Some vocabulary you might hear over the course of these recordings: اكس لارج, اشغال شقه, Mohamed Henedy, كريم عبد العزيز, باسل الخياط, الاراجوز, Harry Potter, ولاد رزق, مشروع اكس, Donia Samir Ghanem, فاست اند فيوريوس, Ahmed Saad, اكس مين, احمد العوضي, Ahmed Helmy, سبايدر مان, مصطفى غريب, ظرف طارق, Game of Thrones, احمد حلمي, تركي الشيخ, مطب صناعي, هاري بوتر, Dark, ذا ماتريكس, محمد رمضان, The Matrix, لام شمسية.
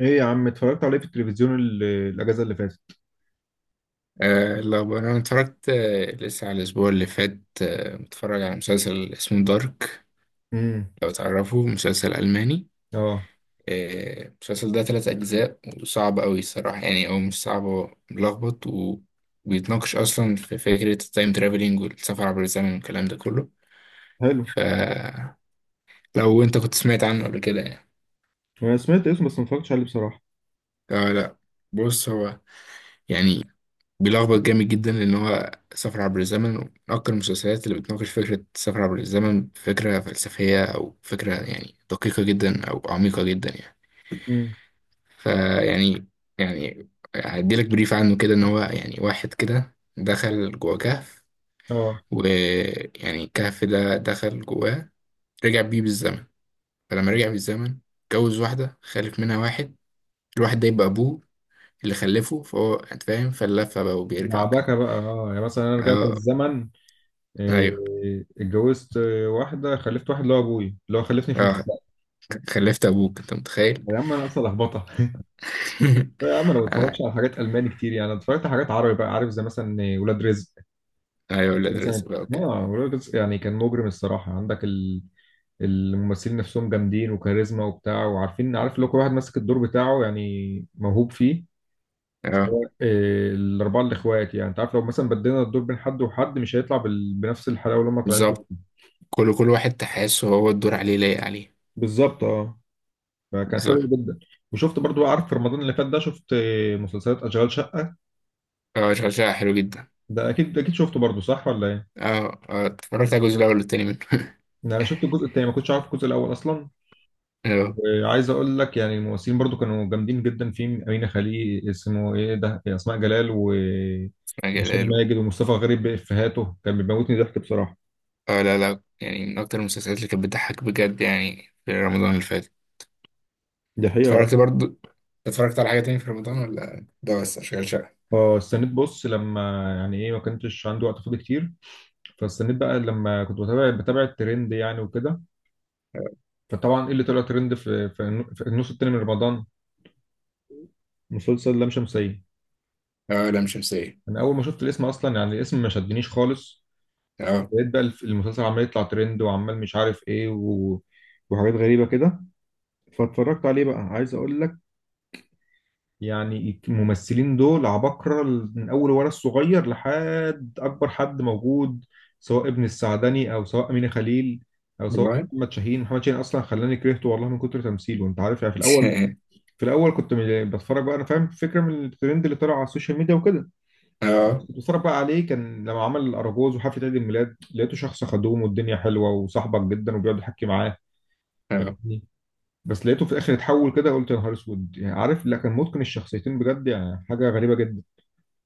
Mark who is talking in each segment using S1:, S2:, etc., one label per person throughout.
S1: ايه يا عم، اتفرجت عليه في التلفزيون الاجازه اللي فاتت.
S2: لو انا اتفرجت لسه على الاسبوع اللي فات، متفرج على مسلسل اسمه دارك.
S1: امم.
S2: لو تعرفه مسلسل الماني.
S1: اه.
S2: المسلسل ده ثلاث اجزاء وصعب قوي الصراحه، او مش صعب، هو ملخبط وبيتناقش اصلا في فكره التايم ترافلينج والسفر عبر الزمن والكلام ده كله.
S1: حلو.
S2: فلو انت كنت سمعت عنه قبل كده
S1: وانا سمعت اسمه بس ما اتفرجتش عليه بصراحه.
S2: آه لا. بص هو يعني بيلخبط جامد جدا، لأن هو سفر عبر الزمن ومن أكتر المسلسلات اللي بتناقش فكرة السفر عبر الزمن، فكرة فلسفية أو فكرة يعني دقيقة جدا أو عميقة جدا يعني.
S1: امم.
S2: فيعني يعني هديلك بريف عنه كده، إن هو يعني واحد كده دخل جوه كهف،
S1: اه.
S2: ويعني الكهف ده دخل جواه، رجع بيه بالزمن. فلما رجع بالزمن اتجوز واحدة، خلف منها واحد، الواحد ده يبقى أبوه اللي خلفه، فهو أنت فاهم فاللفة بقى وبيرجع وكده.
S1: لعبكه بقى. اه يعني مثلا انا رجعت
S2: اه.
S1: بالزمن، إيه،
S2: ايوه.
S1: اتجوزت واحده خلفت واحد اللي هو ابوي اللي هو خلفني في
S2: اه.
S1: المستقبل.
S2: خلفت ابوك، انت متخيل؟
S1: يا عم انا اصلا لخبطه. لا يا عم، انا ما
S2: انا
S1: بتفرجش على حاجات الماني كتير يعني، أنا اتفرجت على حاجات عربي بقى، عارف؟ زي مثلا ولاد رزق.
S2: ايوه، ولاد رزق
S1: مثلا
S2: بقى وكده.
S1: اه ولاد رزق يعني كان مجرم الصراحه، عندك الممثلين نفسهم جامدين وكاريزما وبتاع، وعارفين، عارف اللي هو كل واحد ماسك الدور بتاعه يعني موهوب فيه.
S2: اه
S1: سواء، الاربعه الاخوات، يعني انت عارف لو مثلا بدينا الدور بين حد وحد مش هيطلع بنفس الحلاوه اللي هم طالعين
S2: بالظبط.
S1: بيها.
S2: كل واحد تحسه هو الدور عليه، لايق عليه.
S1: بالظبط اه. فكان حلو
S2: بالظبط.
S1: جدا. وشفت برضو، عارف، في رمضان اللي فات ده شفت مسلسلات اشغال شقه.
S2: اه اشغال شقه حلو جدا.
S1: ده اكيد اكيد شفته برضو صح ولا ايه؟
S2: اه اه، اتفرجت على الجزء الاول والتاني منه.
S1: يعني انا شفت الجزء الثاني، ما كنتش عارف الجزء الاول اصلا.
S2: اه،
S1: وعايز اقول لك يعني الممثلين برضو كانوا جامدين جدا، في امينه خليل، اسمه ايه ده، اسماء جلال
S2: اسمها
S1: وهشام
S2: جلال و...
S1: ماجد ومصطفى غريب بافيهاته كان بيموتني ضحك بصراحه.
S2: اه لا لا، يعني من اكتر المسلسلات اللي كانت بتضحك بجد يعني، في رمضان اللي فات.
S1: دي حقيقة اه.
S2: اتفرجت برضو، اتفرجت على حاجه تاني في رمضان ولا ده بس اشغال شقه؟
S1: اه استنيت، بص، لما يعني ايه، ما كنتش عندي وقت فاضي كتير، فاستنيت بقى لما كنت بتابع الترند يعني وكده. فطبعا ايه اللي طلع ترند في في النص التاني من رمضان؟ مسلسل لام شمسية.
S2: اه لا مش شمسيه.
S1: انا اول ما شفت الاسم اصلا يعني الاسم ما شدنيش خالص.
S2: اه.
S1: لقيت بقى المسلسل عمال يطلع ترند وعمال مش عارف ايه و... وحاجات غريبة كده. فاتفرجت عليه بقى. عايز اقول لك يعني الممثلين دول عباقرة من اول ولد صغير لحد اكبر حد موجود، سواء ابن السعدني او سواء امينة خليل او سواء
S2: والله.
S1: محمد شاهين اصلا خلاني كرهته والله من كتر تمثيله، انت عارف يعني، في الاول في الاول كنت بتفرج بقى، انا فاهم فكرة من الترند اللي طلع على السوشيال ميديا وكده.
S2: اه.
S1: كنت بتفرج بقى عليه، كان لما عمل الاراجوز وحفله عيد الميلاد، لقيته شخص خدوم والدنيا حلوه وصاحبك جدا وبيقعد يحكي معاه،
S2: اه
S1: فاهمني؟ بس لقيته في الاخر اتحول كده، قلت يا نهار اسود. يعني عارف، لا كان متقن الشخصيتين بجد، يعني حاجه غريبه جدا.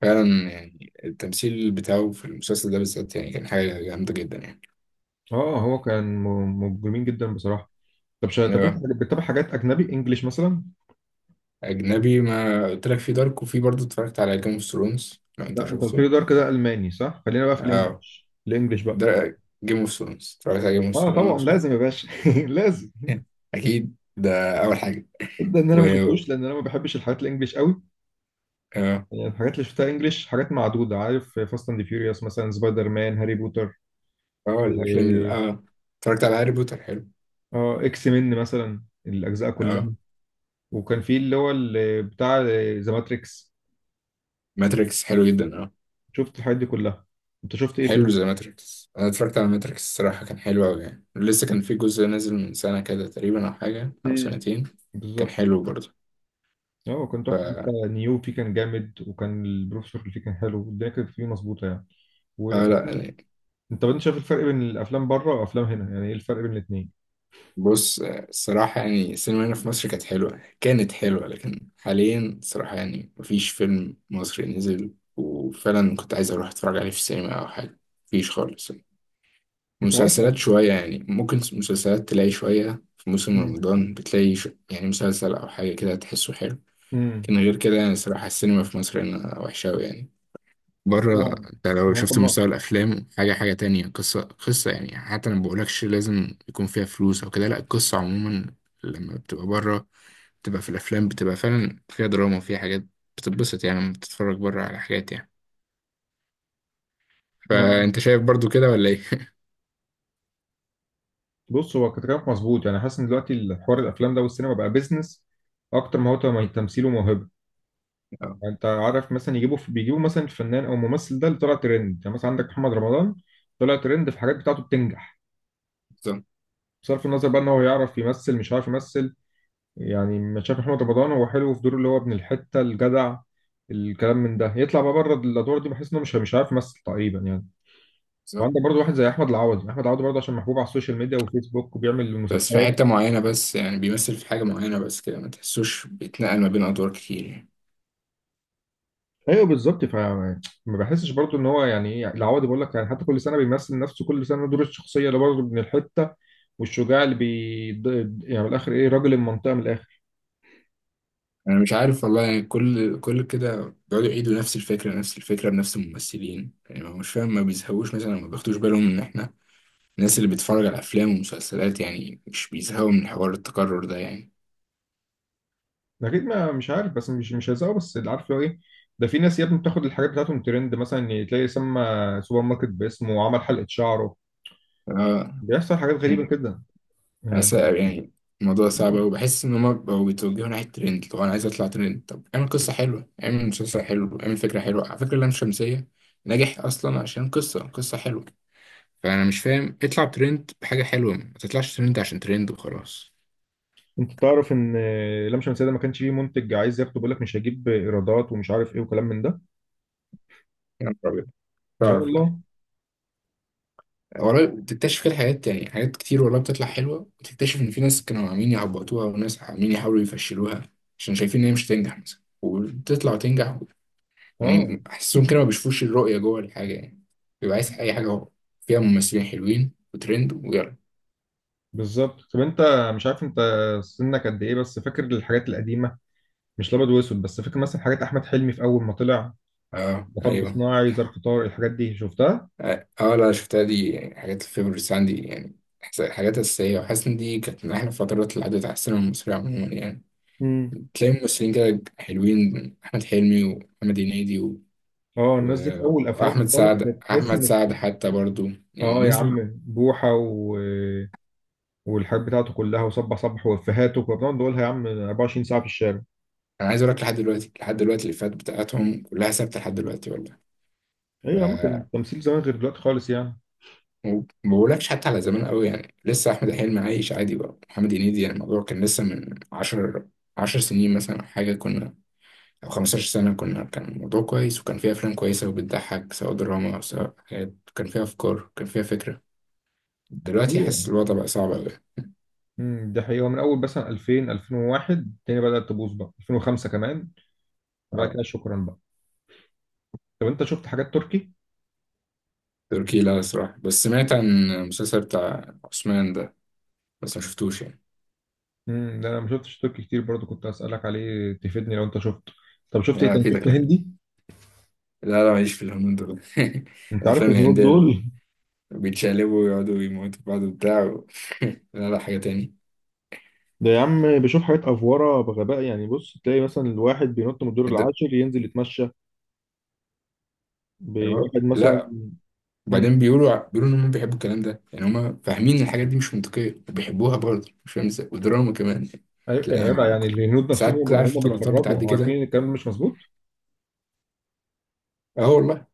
S2: فعلا، يعني التمثيل بتاعه في المسلسل ده بالذات يعني كان حاجة جامدة جدا يعني.
S1: اه هو كان مجرمين جدا بصراحه. طب انت
S2: أيوة.
S1: بتتابع حاجات اجنبي انجليش مثلا؟
S2: أجنبي، ما قلت لك في دارك، وفي برضه اتفرجت على جيم اوف ثرونز لو أنت
S1: لا انت قلت
S2: شفته.
S1: لي دار كده الماني، صح؟ خلينا بقى في
S2: اه
S1: الانجليش، الانجليش بقى.
S2: ده جيم اوف ثرونز، اتفرجت على جيم اوف
S1: اه طبعا
S2: ثرونز و...
S1: لازم يا باشا. لازم.
S2: أكيد، ده أول حاجة.
S1: ده ان انا
S2: و
S1: ما شفتوش لان انا ما بحبش الحاجات الانجليش قوي.
S2: اه.
S1: يعني الحاجات اللي شفتها انجليش حاجات معدودة، عارف؟ فاست اند فيوريوس مثلا، سبايدر مان، هاري بوتر،
S2: اه الأفلام ال-
S1: إيه،
S2: اه اتفرجت على هاري بوتر، حلو.
S1: اه اكس مين مثلا الاجزاء كلها.
S2: اه
S1: وكان في اللي هو اللي بتاع ذا ماتريكس.
S2: ماتريكس حلو جدا آه.
S1: شفت الحاجات دي كلها. انت شفت ايه
S2: حلو
S1: فيه؟
S2: زي ماتريكس، انا اتفرجت على ماتريكس، الصراحه كان حلو قوي يعني. لسه كان في جزء نازل من سنه كده تقريبا او حاجه او
S1: امم.
S2: سنتين. كان
S1: بالظبط.
S2: حلو برضه.
S1: اه كان
S2: ف...
S1: تحفة، حتى نيو فيه كان جامد، وكان البروفيسور اللي فيه كان حلو، الدنيا كانت فيه مظبوطة يعني. و...
S2: فلا يعني.
S1: انت طب انت شايف الفرق بين الافلام بره وافلام هنا؟ يعني ايه الفرق بين الاثنين؟
S2: بص الصراحه يعني، السينما هنا في مصر كانت حلوه، كانت حلوه، لكن حاليا الصراحه يعني مفيش فيلم مصري نزل وفعلا كنت عايز اروح اتفرج عليه في السينما او حاجه، مفيش خالص يعني.
S1: انت عارف.
S2: مسلسلات شويه يعني، ممكن مسلسلات تلاقي شويه في موسم
S1: امم.
S2: رمضان، بتلاقي ش... يعني مسلسل او حاجه كده تحسه حلو.
S1: امم.
S2: كان غير كده يعني، الصراحة السينما في مصر هنا وحشة أوي يعني. بره
S1: يعني
S2: أنت لو
S1: ما انت.
S2: شفت مستوى الأفلام، حاجة حاجة تانية، قصة قصة يعني، حتى أنا بقولكش لازم يكون فيها فلوس أو كده، لأ القصة عموما. لما بتبقى بره بتبقى في الأفلام بتبقى فعلا فيها دراما وفيها حاجات، بتتبسط يعني لما بتتفرج بره على حاجات يعني.
S1: ما...
S2: فأنت شايف برضو كده ولا إيه؟
S1: بص هو كلامك مظبوط، يعني حاسس ان دلوقتي الحوار الافلام ده والسينما بقى بيزنس اكتر ما هو تمثيل وموهبه.
S2: اه
S1: يعني انت عارف مثلا، يجيبوا بيجيبوا مثلا الفنان او الممثل ده اللي طلع ترند، يعني مثلا عندك محمد رمضان طلع ترند في حاجات بتاعته بتنجح،
S2: بالظبط.
S1: بصرف النظر بقى ان هو يعرف يمثل مش عارف يمثل. يعني ما شايف محمد رمضان هو حلو في دوره اللي هو ابن الحته الجدع، الكلام من ده، يطلع بقى بره الادوار دي بحس انه مش عارف يمثل تقريبا يعني.
S2: بالظبط.
S1: وعندك برضه واحد زي احمد العوضي برضه عشان محبوب على السوشيال ميديا وفيسبوك وبيعمل
S2: بس في
S1: مسابقات.
S2: حتة معينة بس، يعني بيمثل في حاجة معينة بس كده، ما تحسوش بيتنقل ما بين أدوار كتير يعني.
S1: ايوه بالظبط، فما بحسش برضو ان هو يعني ايه، العوضي بقول لك يعني، حتى كل سنه بيمثل نفسه، كل سنه دور الشخصيه اللي برضه من الحته، والشجاع اللي يعني من الاخر ايه، راجل المنطقه من الاخر.
S2: انا مش عارف والله يعني، كل كده بيقعدوا يعيدوا نفس الفكره، نفس الفكره بنفس الممثلين يعني، ما- مش فاهم ما بيزهقوش مثلا، ما بياخدوش بالهم ان احنا الناس اللي بتتفرج على افلام ومسلسلات يعني مش بيزهقوا من حوار التكرر ده يعني.
S1: اكيد، ما مش عارف بس مش هيزقه، بس اللي عارف لو ايه. ده في ناس يا ابني بتاخد الحاجات بتاعتهم ترند، مثلا تلاقي سمى سوبر ماركت باسمه وعمل حلقه شعره.
S2: اه.
S1: بيحصل حاجات غريبه كده
S2: أس-
S1: يعني.
S2: يعني الموضوع صعب أوي، بحس إن هما بقوا بيتوجهوا ناحية ترند. لو أنا عايز أطلع ترند، طب اعمل قصة حلوة، اعمل مسلسل حلو، اعمل فكرة حلوة. على فكرة لام شمسية نجح أصلا عشان قصة، قصة حلوة. فأنا مش فاهم، اطلع ترند بحاجة حلوة، ما تطلعش ترند عشان ترند وخلاص.
S1: انت تعرف ان لام شمسية ده ما كانش فيه منتج عايز ياخده، بيقول لك مش هجيب ايرادات ومش عارف ايه وكلام من ده.
S2: يا نهار أبيض.
S1: اه
S2: تعرف
S1: والله.
S2: لا والله، بتكتشف كده حاجات يعني، حاجات كتير والله بتطلع حلوة وتكتشف إن في ناس كانوا عاملين يعبطوها وناس عاملين يحاولوا يفشلوها، عشان شايفين إن هي مش هتنجح مثلا، وبتطلع وتنجح.
S1: اه
S2: يعني أحسهم كده ما بيشوفوش الرؤية جوه الحاجة يعني. بيبقى عايز أي حاجة، هو فيها ممثلين حلوين وترند ويلا.
S1: بالظبط. طب انت مش عارف انت سنك قد ايه، بس فاكر الحاجات القديمه، مش الابيض واسود، بس فاكر مثلا حاجات احمد حلمي في اول ما طلع؟
S2: أه
S1: مطب
S2: أيوه.
S1: صناعي، ظرف طارق، الحاجات دي شفتها؟
S2: أه آه، لا شفتها دي، يعني حاجات الفيفوريتس عندي يعني، حاجات أساسية، وحاسس إن دي كانت من أحلى الفترات اللي عدت على السينما المصرية عموما يعني.
S1: امم.
S2: تلاقي ممثلين كده حلوين، أحمد حلمي ومحمد هنيدي و...
S1: اه الناس دي في
S2: و-
S1: اول افلام
S2: وأحمد
S1: خالص
S2: سعد،
S1: كانت تحس
S2: أحمد
S1: ان،
S2: سعد حتى برضو
S1: اه
S2: يعني
S1: يا عم
S2: نزلوا.
S1: بوحه و... والحاجات بتاعته كلها، وصبح صبح، وافيهاته كنا بنقعد نقولها يا عم 24 ساعه في الشارع.
S2: أنا عايز أقول لك، لحد دلوقتي لحد دلوقتي الإفيهات بتاعتهم كلها ثابتة لحد دلوقتي والله. ف
S1: ايوه يا عم، كان التمثيل زمان غير دلوقتي خالص يعني.
S2: وما بقولكش حتى على زمان قوي يعني، لسه أحمد حلمي عايش عادي بقى، محمد هنيدي يعني الموضوع كان لسه من عشر، عشر سنين مثلا أو حاجة، كنا أو خمستاشر سنة كنا، كان الموضوع كويس وكان فيها أفلام كويسة وبتضحك، سواء دراما أو سواء حاجات كان فيها أفكار، كان فيها فكرة. دلوقتي حاسس
S1: ايوه.
S2: الوضع بقى صعب أوي.
S1: امم. ده حقيقي، هو من اول مثلا 2000، 2001 الدنيا بدات تبوظ بقى، 2005 كمان وبعد
S2: اه.
S1: كده شكرا. طب انت شفت حاجات تركي؟
S2: تركي لا الصراحة، بس سمعت عن المسلسل بتاع عثمان ده بس ما شفتوش يعني.
S1: امم. ده انا ما شفتش تركي كتير برضو، كنت اسالك عليه تفيدني لو انت شفته. طب شفت ايه
S2: انا
S1: تاني؟
S2: افيدك
S1: شفت
S2: لا.
S1: هندي؟
S2: لا لا، معيش في الهنود دول.
S1: انت عارف
S2: الافلام
S1: الهنود
S2: الهندية اللي
S1: دول،
S2: بيتشقلبوا ويقعدوا يموتوا في بعض وبتاع و... لا لا، حاجة تاني.
S1: ده يا عم بيشوف حاجات افوره بغباء يعني. بص تلاقي مثلا الواحد بينط من الدور
S2: الد-
S1: العاشر ينزل يتمشى
S2: ايوه
S1: بواحد مثلا.
S2: لا،
S1: مم.
S2: وبعدين بيقولوا ع- بيقولوا ان هم بيحبوا الكلام ده يعني، هم فاهمين ان الحاجات دي مش منطقية وبيحبوها برضه، مش فاهم ازاي، ودراما كمان.
S1: ايوه
S2: لا
S1: يا جدع،
S2: يعني
S1: يعني
S2: كنت-
S1: الهنود
S2: ساعات
S1: نفسهم
S2: كده عارف
S1: هم
S2: انت لقطات بتعدي
S1: بيتفرجوا عارفين
S2: كده.
S1: ان الكلام مش مظبوط؟
S2: اه والله.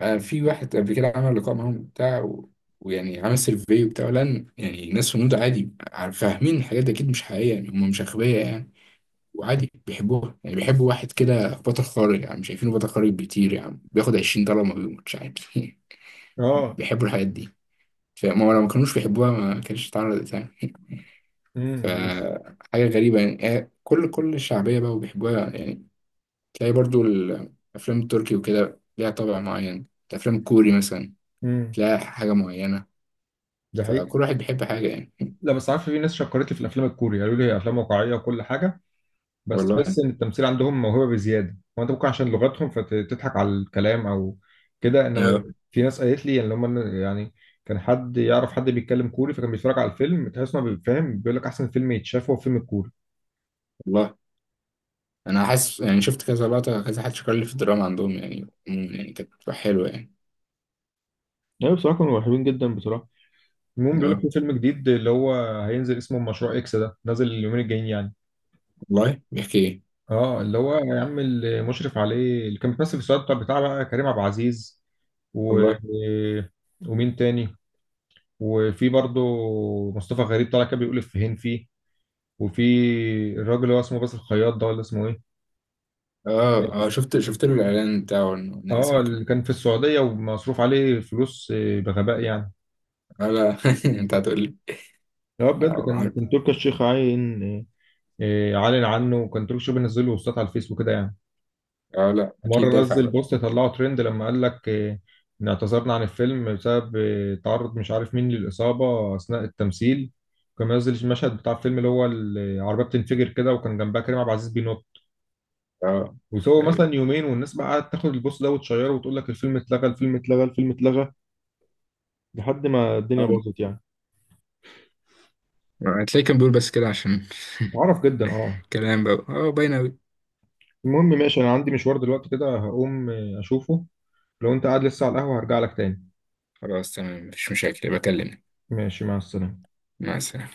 S2: في واحد قبل كده عمل لقاء معاهم بتاع و... ويعني عمل سيرفي وبتاع، لان يعني ناس هنود عادي عارف- فاهمين الحاجات دي اكيد مش حقيقيه يعني، هم مش اغبياء يعني. وعادي بيحبوها يعني، بيحبوا واحد كده بطل خارق يعني، مش شايفينه بطل خارق بيطير يعني، بياخد 20$ ما بيموتش عادي.
S1: اه.
S2: بيحبوا الحاجات دي. فما لو ما كانوش بيحبوها ما كانتش اتعرضت يعني.
S1: امم. بس.
S2: فحاجه غريبه يعني، كل الشعبيه بقى وبيحبوها يعني. تلاقي برضو الافلام التركي وكده ليها طابع معين، الافلام الكوري مثلا
S1: امم.
S2: تلاقي حاجة معينة.
S1: ده حقيقي.
S2: فكل واحد بيحب حاجة يعني.
S1: لا بس عارف، في ناس شكرت لي في الافلام الكوري قالوا لي هي افلام واقعيه وكل حاجه، بس
S2: والله.
S1: تحس ان التمثيل عندهم موهبه بزياده. هو انت ممكن عشان لغتهم فتضحك على الكلام او كده، انما
S2: اه
S1: في ناس قالت لي يعني لما يعني كان حد يعرف حد بيتكلم كوري، فكان بيتفرج على الفيلم تحس انه فاهم، بيقول لك احسن فيلم يتشاف هو فيلم الكوري.
S2: والله أنا حاسس، يعني شفت كذا لقطة، كذا حد شكر لي في الدراما عندهم يعني عموما يعني كانت بتبقى حلوة يعني.
S1: ايوه بصراحه كانوا حلوين جدا بصراحه. المهم بيقول لك
S2: اه
S1: في فيلم جديد، اللي هو هينزل، اسمه مشروع اكس، ده نازل اليومين الجايين يعني.
S2: والله بيحكي إيه؟
S1: اه اللي هو يا عم اللي مشرف عليه اللي كان بيمثل في السؤال، بتاع بقى كريم عبد العزيز و...
S2: والله.
S1: ومين تاني؟ وفي برضو مصطفى غريب طالع كده بيقول افيهين فيه، وفي الراجل اللي هو اسمه باسل الخياط، ده ولا اسمه ايه.
S2: اه اه، شفت له الإعلان بتاعه إنه نزل
S1: اه اللي
S2: وكده.
S1: كان في السعودية ومصروف عليه فلوس بغباء يعني.
S2: اه لا. أنت هتقول لي.
S1: هو بجد
S2: اه
S1: كان،
S2: عارف.
S1: تركي الشيخ عاين، عالن عنه، وكان تركي الشيخ بينزل له بوستات على الفيسبوك كده يعني.
S2: لا أكيد
S1: مرة
S2: دافع
S1: نزل
S2: بقى.
S1: بوست طلعه ترند لما قال لك إن اعتذرنا عن الفيلم بسبب تعرض مش عارف مين للإصابة أثناء التمثيل. كان منزل المشهد بتاع الفيلم اللي هو العربية بتنفجر كده وكان جنبها كريم عبد العزيز بينط.
S2: اه
S1: وسووا
S2: أيوه.
S1: مثلا يومين والناس بقى قعدت تاخد البوست ده وتشيره وتقول لك الفيلم اتلغى، الفيلم اتلغى، الفيلم اتلغى، لحد ما الدنيا باظت يعني.
S2: هتلاقيه كان بيقول بس كده عشان.
S1: معرف جدا اه.
S2: كلام بقى، اه باين أوي.
S1: المهم ماشي، انا عندي مشوار دلوقتي كده، هقوم اشوفه. لو انت قاعد لسه على القهوة هرجع لك تاني.
S2: خلاص تمام، مفيش مشاكل، بكلمك.
S1: ماشي، مع السلامة.
S2: مع السلامة.